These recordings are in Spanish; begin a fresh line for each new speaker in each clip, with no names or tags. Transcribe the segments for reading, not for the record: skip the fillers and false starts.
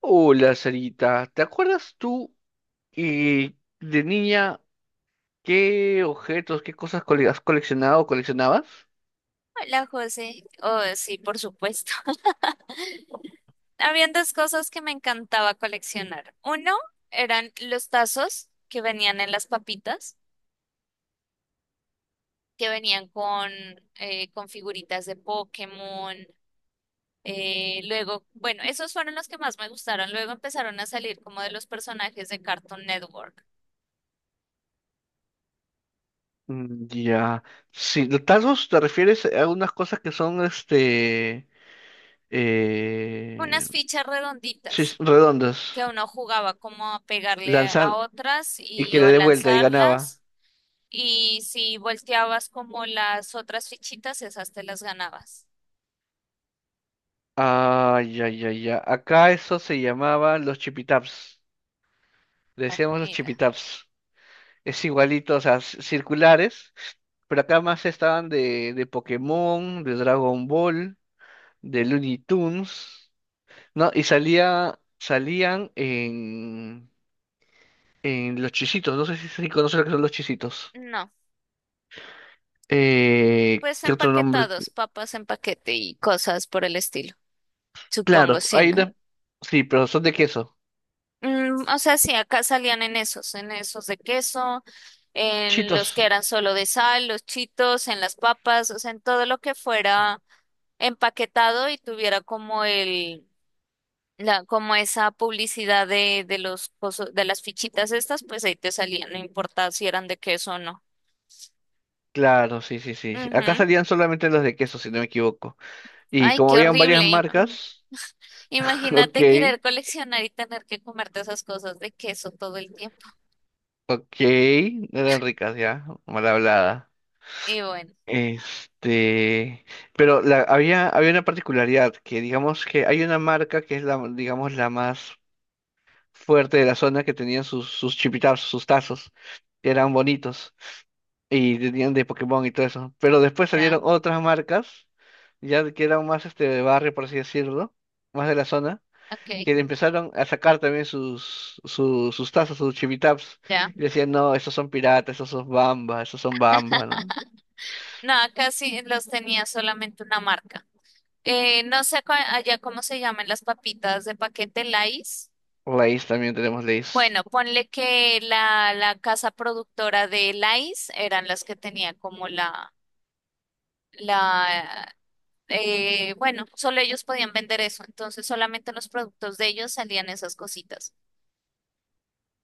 Hola, Sarita. ¿Te acuerdas tú eh, de niña qué objetos, qué cosas has coleccionado o coleccionabas?
Hola, José. Oh, sí, por supuesto. Habían dos cosas que me encantaba coleccionar. Uno eran los tazos que venían en las papitas, que venían con figuritas de Pokémon. Luego, esos fueron los que más me gustaron. Luego empezaron a salir como de los personajes de Cartoon Network.
Mm, ya. Si de tazos te refieres a algunas cosas que son eh,
Unas fichas
sí,
redonditas
redondas.
que uno jugaba como a pegarle a
Lanzan
otras
y
y
que le
o
dé vuelta y ganaba.
lanzarlas. Y si volteabas como las otras fichitas, esas te las ganabas.
Ah, ya, ya, ya. Acá eso se llamaba los chipitaps. Le
La
decíamos los
comida.
chipitaps. Es igualito, o sea, circulares, pero acá más estaban de Pokémon, de Dragon Ball, de Looney Tunes, ¿no? Y salían en Los Chisitos, no sé si conoces lo que son Los Chisitos.
No, pues
¿Qué otro nombre?
empaquetados, papas en paquete y cosas por el estilo. Supongo,
Claro,
sí,
hay
¿no?
sí, pero son de queso.
Mm, o sea, sí, acá salían en esos de queso, en los
Chitos.
que eran solo de sal, los chitos, en las papas, o sea, en todo lo que fuera empaquetado y tuviera como como esa publicidad de de las fichitas estas, pues ahí te salían, no importa si eran de queso o no.
Claro, sí, sí, sí, sí. Acá
Ujú.
salían solamente los de queso, si no me equivoco. Y
Ay,
como
qué
habían varias
horrible.
marcas, ok.
Imagínate querer coleccionar y tener que comerte esas cosas de queso todo el tiempo.
Ok, no eran ricas ya, mal hablada.
Y bueno,
Este, pero había, había una particularidad, que digamos que hay una marca que es la, digamos, la más fuerte de la zona que tenían sus chipitazos, sus tazos, que eran bonitos, y tenían de Pokémon y todo eso. Pero después
ya,
salieron otras marcas, ya que eran más este de barrio, por así decirlo, más de la zona
ok,
que empezaron a sacar también sus tazas, sus chivitaps,
ya.
y decían, no, estos son piratas, estos son bamba, ¿no?
No, acá sí los tenía solamente una marca. No sé cua- allá cómo se llaman las papitas de paquete Lays.
Lays, también tenemos Lays.
Bueno, ponle que la casa productora de Lays eran las que tenía como la, solo ellos podían vender eso, entonces solamente en los productos de ellos salían esas cositas.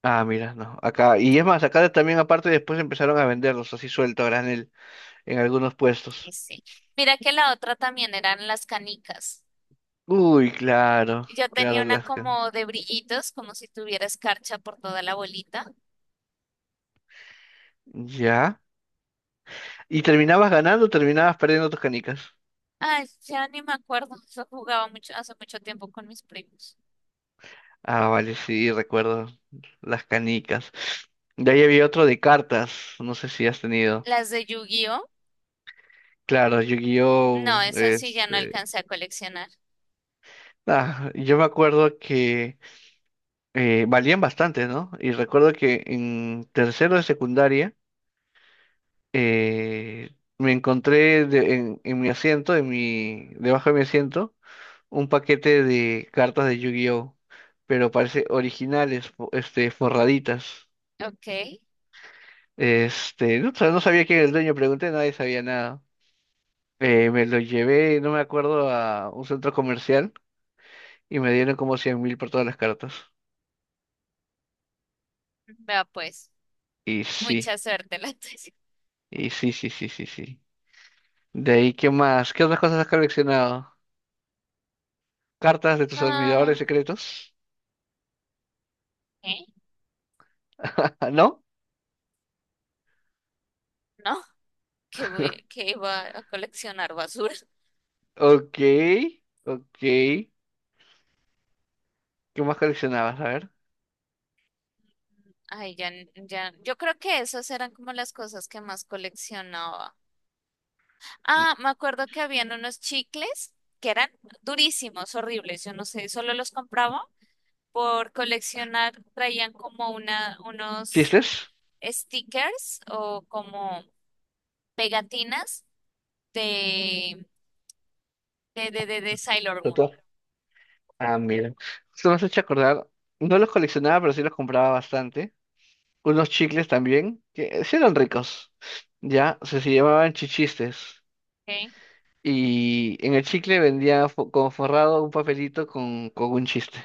Ah, mira, no, acá, y es más, acá también aparte después empezaron a venderlos así suelto a granel en algunos
Y
puestos.
sí. Mira que la otra también eran las canicas.
Uy, claro,
Yo tenía
claro,
una como de brillitos, como si tuviera escarcha por toda la bolita.
ya. ¿Y terminabas ganando o terminabas perdiendo tus canicas?
Ay, ya ni me acuerdo, eso jugaba mucho, hace mucho tiempo con mis primos.
Ah, vale, sí, recuerdo las canicas. De ahí había otro de cartas, no sé si has tenido.
Las de Yu-Gi-Oh,
Claro,
no,
Yu-Gi-Oh!
esas sí ya no
Este,
alcancé a coleccionar.
ah, yo me acuerdo que valían bastante, ¿no? Y recuerdo que en tercero de secundaria eh, me encontré en mi asiento, en mi, debajo de mi asiento, un paquete de cartas de Yu-Gi-Oh! Pero parece originales, forraditas.
Ok,
Este, no, no sabía quién era el dueño, pregunté, nadie sabía nada. Me lo llevé, no me acuerdo, a un centro comercial y me dieron como 100 000 por todas las cartas.
vea pues,
Y
mucha
sí,
suerte la tuya.
y sí, sí, sí, sí, sí. De ahí, ¿qué más? ¿Qué otras cosas has coleccionado? ¿Cartas de tus admiradores
Ah,
secretos?
¿eh?
¿No?
¿No? Que voy, que iba a coleccionar basura.
Ok, ok. ¿Qué más coleccionabas? A ver.
Ay, ya, ya, yo creo que esas eran como las cosas que más coleccionaba. Ah, me acuerdo que habían unos chicles que eran durísimos, horribles. Yo no sé, solo los compraba por coleccionar. Traían como una, unos
¿Chistes?
stickers o como pegatinas de, de Sailor Moon.
Tatuajes. Ah, mira. Esto me has hecho acordar. No los coleccionaba, pero sí los compraba bastante. Unos chicles también, que sí eran ricos. Ya, o sea, se llamaban chichistes.
¿Ok?
Y en el chicle vendía como forrado un papelito con un chiste.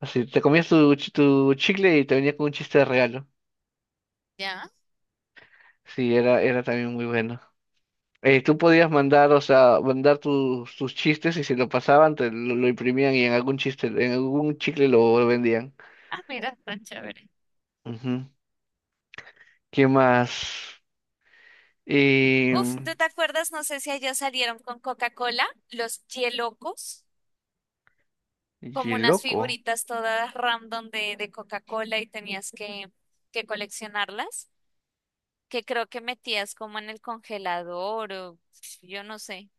Así, te comías tu chicle y te venía con un chiste de regalo.
Ya.
Sí, era, era también muy bueno. Tú podías mandar, o sea, mandar tus chistes y si lo pasaban, lo imprimían y en algún chiste, en algún chicle lo vendían.
Ah, mira, tan chévere.
Ujú. ¿Qué más? Y,
Uf, ¿tú te acuerdas? No sé si allá salieron con Coca-Cola, los Yelocos, como
y
unas
loco.
figuritas todas random de Coca-Cola y tenías que coleccionarlas, que creo que metías como en el congelador o yo no sé.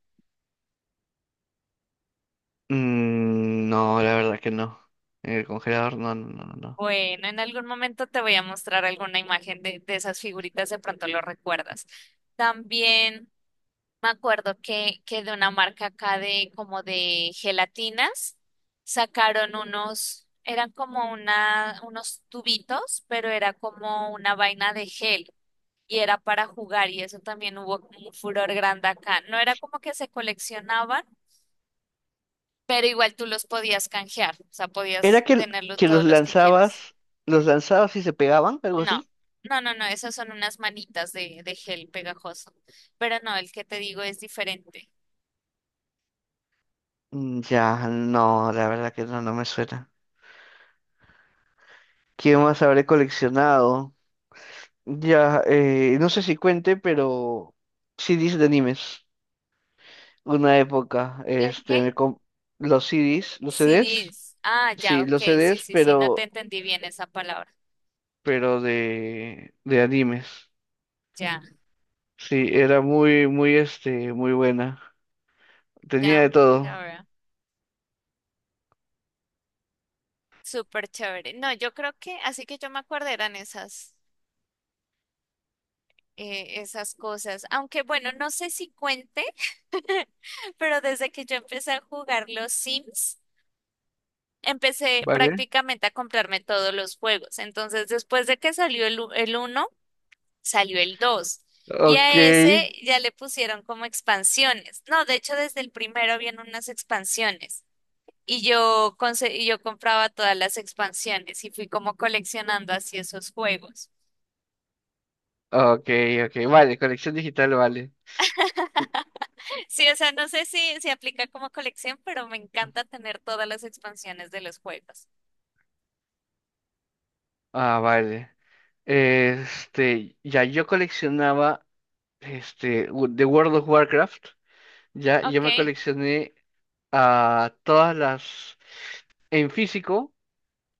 Mm, no, la verdad que no. En el congelador, no.
Bueno, en algún momento te voy a mostrar alguna imagen de esas figuritas, de pronto lo recuerdas. También. Me acuerdo que de una marca acá de como de gelatinas sacaron unos, eran como una, unos tubitos, pero era como una vaina de gel y era para jugar y eso también hubo como un furor grande acá. No era como que se coleccionaban, pero igual tú los podías canjear, o sea,
¿Era
podías tenerlo
que
todos los que quieras.
los lanzabas y se pegaban, algo
No,
así?
no, esas son unas manitas de gel pegajoso, pero no, el que te digo es diferente.
Mm, ya, no, la verdad que no, no me suena. ¿Qué más habré coleccionado? Ya, no sé si cuente, pero CDs de animes. Una época,
¿El qué?
este, los CDs,
CDs. Ah, ya,
sí,
ok.
los
Sí,
CDs,
sí, sí, no te entendí bien esa palabra.
pero de animes.
Ya,
Sí, era muy, muy, este, muy buena. Tenía de
ya, ya
todo.
veo. Súper chévere. No, yo creo que, así que yo me acuerdo eran esas, esas cosas. Aunque bueno, no sé si cuente, pero desde que yo empecé a jugar los Sims, empecé
¿Vale?
prácticamente a comprarme todos los juegos. Entonces, después de que salió el 1, salió el dos. Y
Ok,
a ese ya le pusieron como expansiones. No, de hecho, desde el primero vienen unas expansiones. Y y yo compraba todas las expansiones y fui como coleccionando así esos juegos.
ok, ok. Vale, colección digital, vale.
Sí, o sea, no sé si aplica como colección, pero me encanta tener todas las expansiones de los juegos.
Ah, vale. Este, ya yo coleccionaba. Este, de World of Warcraft, ya yo
Ok,
me coleccioné a todas las, en físico,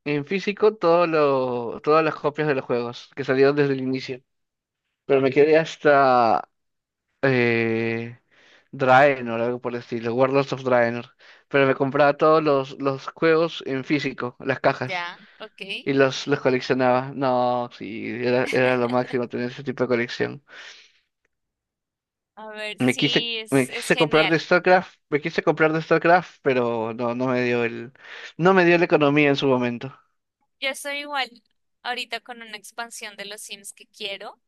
en físico, todas las copias de los juegos que salieron desde el inicio. Pero me quedé hasta eh, Draenor, algo por el estilo, Warlords of Draenor. Pero me compraba los juegos en físico, las
ya,
cajas,
ok.
y los coleccionaba. No, sí, era, era lo máximo tener ese tipo de colección.
A ver, sí,
Me
es
quise comprar de
genial.
StarCraft, me quise comprar de StarCraft, pero no, no me dio la economía en su momento.
Yo estoy igual ahorita con una expansión de los Sims que quiero,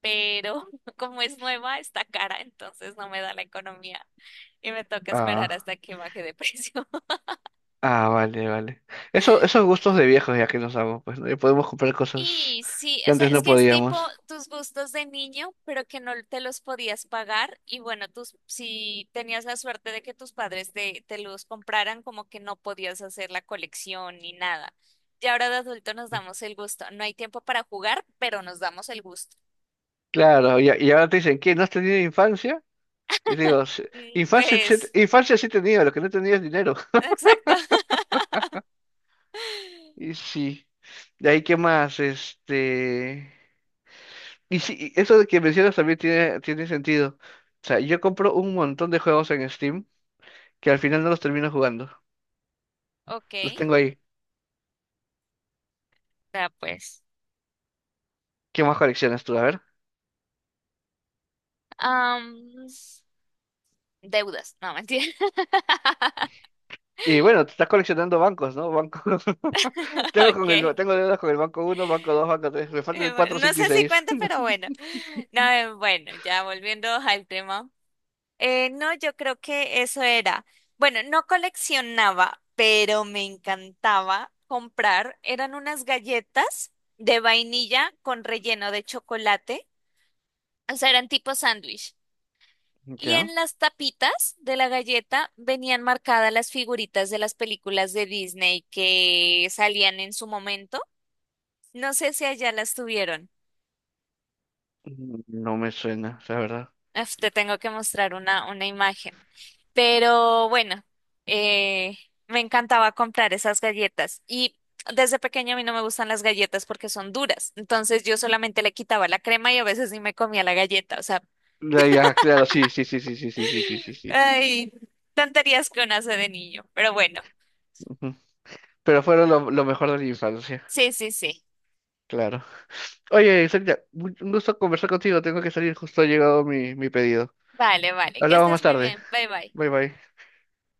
pero como es nueva, está cara, entonces no me da la economía y me toca esperar
Ah,
hasta que baje de precio.
ah, vale, vale. Eso, esos gustos de viejos ya que nos damos, pues, ¿no? Ya podemos comprar cosas
Y sí,
que
o sea,
antes
es
no
que es tipo
podíamos.
tus gustos de niño, pero que no te los podías pagar. Y bueno, si tenías la suerte de que tus padres te los compraran, como que no podías hacer la colección ni nada. Y ahora de adulto nos damos el gusto. No hay tiempo para jugar, pero nos damos el gusto.
Claro, y ahora te dicen, ¿qué? ¿No has tenido infancia? Y digo, "Sí,
Mm,
infancia,
pues,
infancia sí he tenido, lo que no tenía es dinero."
exacto.
Y sí. De ahí, ¿qué más? Este. Y sí, y eso de que mencionas también tiene, tiene sentido. O sea, yo compro un montón de juegos en Steam que al final no los termino jugando.
Ok,
Los tengo ahí.
ya pues.
¿Qué más coleccionas tú? A ver.
Am, deudas, no, mentira.
Y bueno, te estás coleccionando bancos, ¿no? Banco... tengo con
Ok.
el... tengo deudas con el banco uno, banco dos, banco tres. Me faltan el cuatro,
Bueno, no
cinco y
sé si
seis.
cuenta, pero bueno. No, bueno, ya volviendo al tema. No, yo creo que eso era. Bueno, no coleccionaba, pero me encantaba comprar. Eran unas galletas de vainilla con relleno de chocolate. O sea, eran tipo sándwich. Y
¿Ya?
en las tapitas de la galleta venían marcadas las figuritas de las películas de Disney que salían en su momento. No sé si allá las tuvieron.
Mm, no me suena, la verdad.
Uf, te tengo que mostrar una imagen. Pero bueno, eh, me encantaba comprar esas galletas. Y desde pequeña a mí no me gustan las galletas porque son duras. Entonces yo solamente le quitaba la crema y a veces ni me comía la galleta. O sea,
Ya, ya, claro, sí, sí, sí, sí, sí, sí, sí, sí, sí, sí.
ay, tonterías que uno hace de niño. Pero bueno,
Ujú. Pero fueron lo mejor de la infancia,
sí, sí, sí.
claro. Oye, Celia, un gusto conversar contigo. Tengo que salir, justo ha llegado mi pedido.
Vale, vale. Que
Hablamos
estés
más
muy
tarde.
bien. Bye, bye.
Bye bye.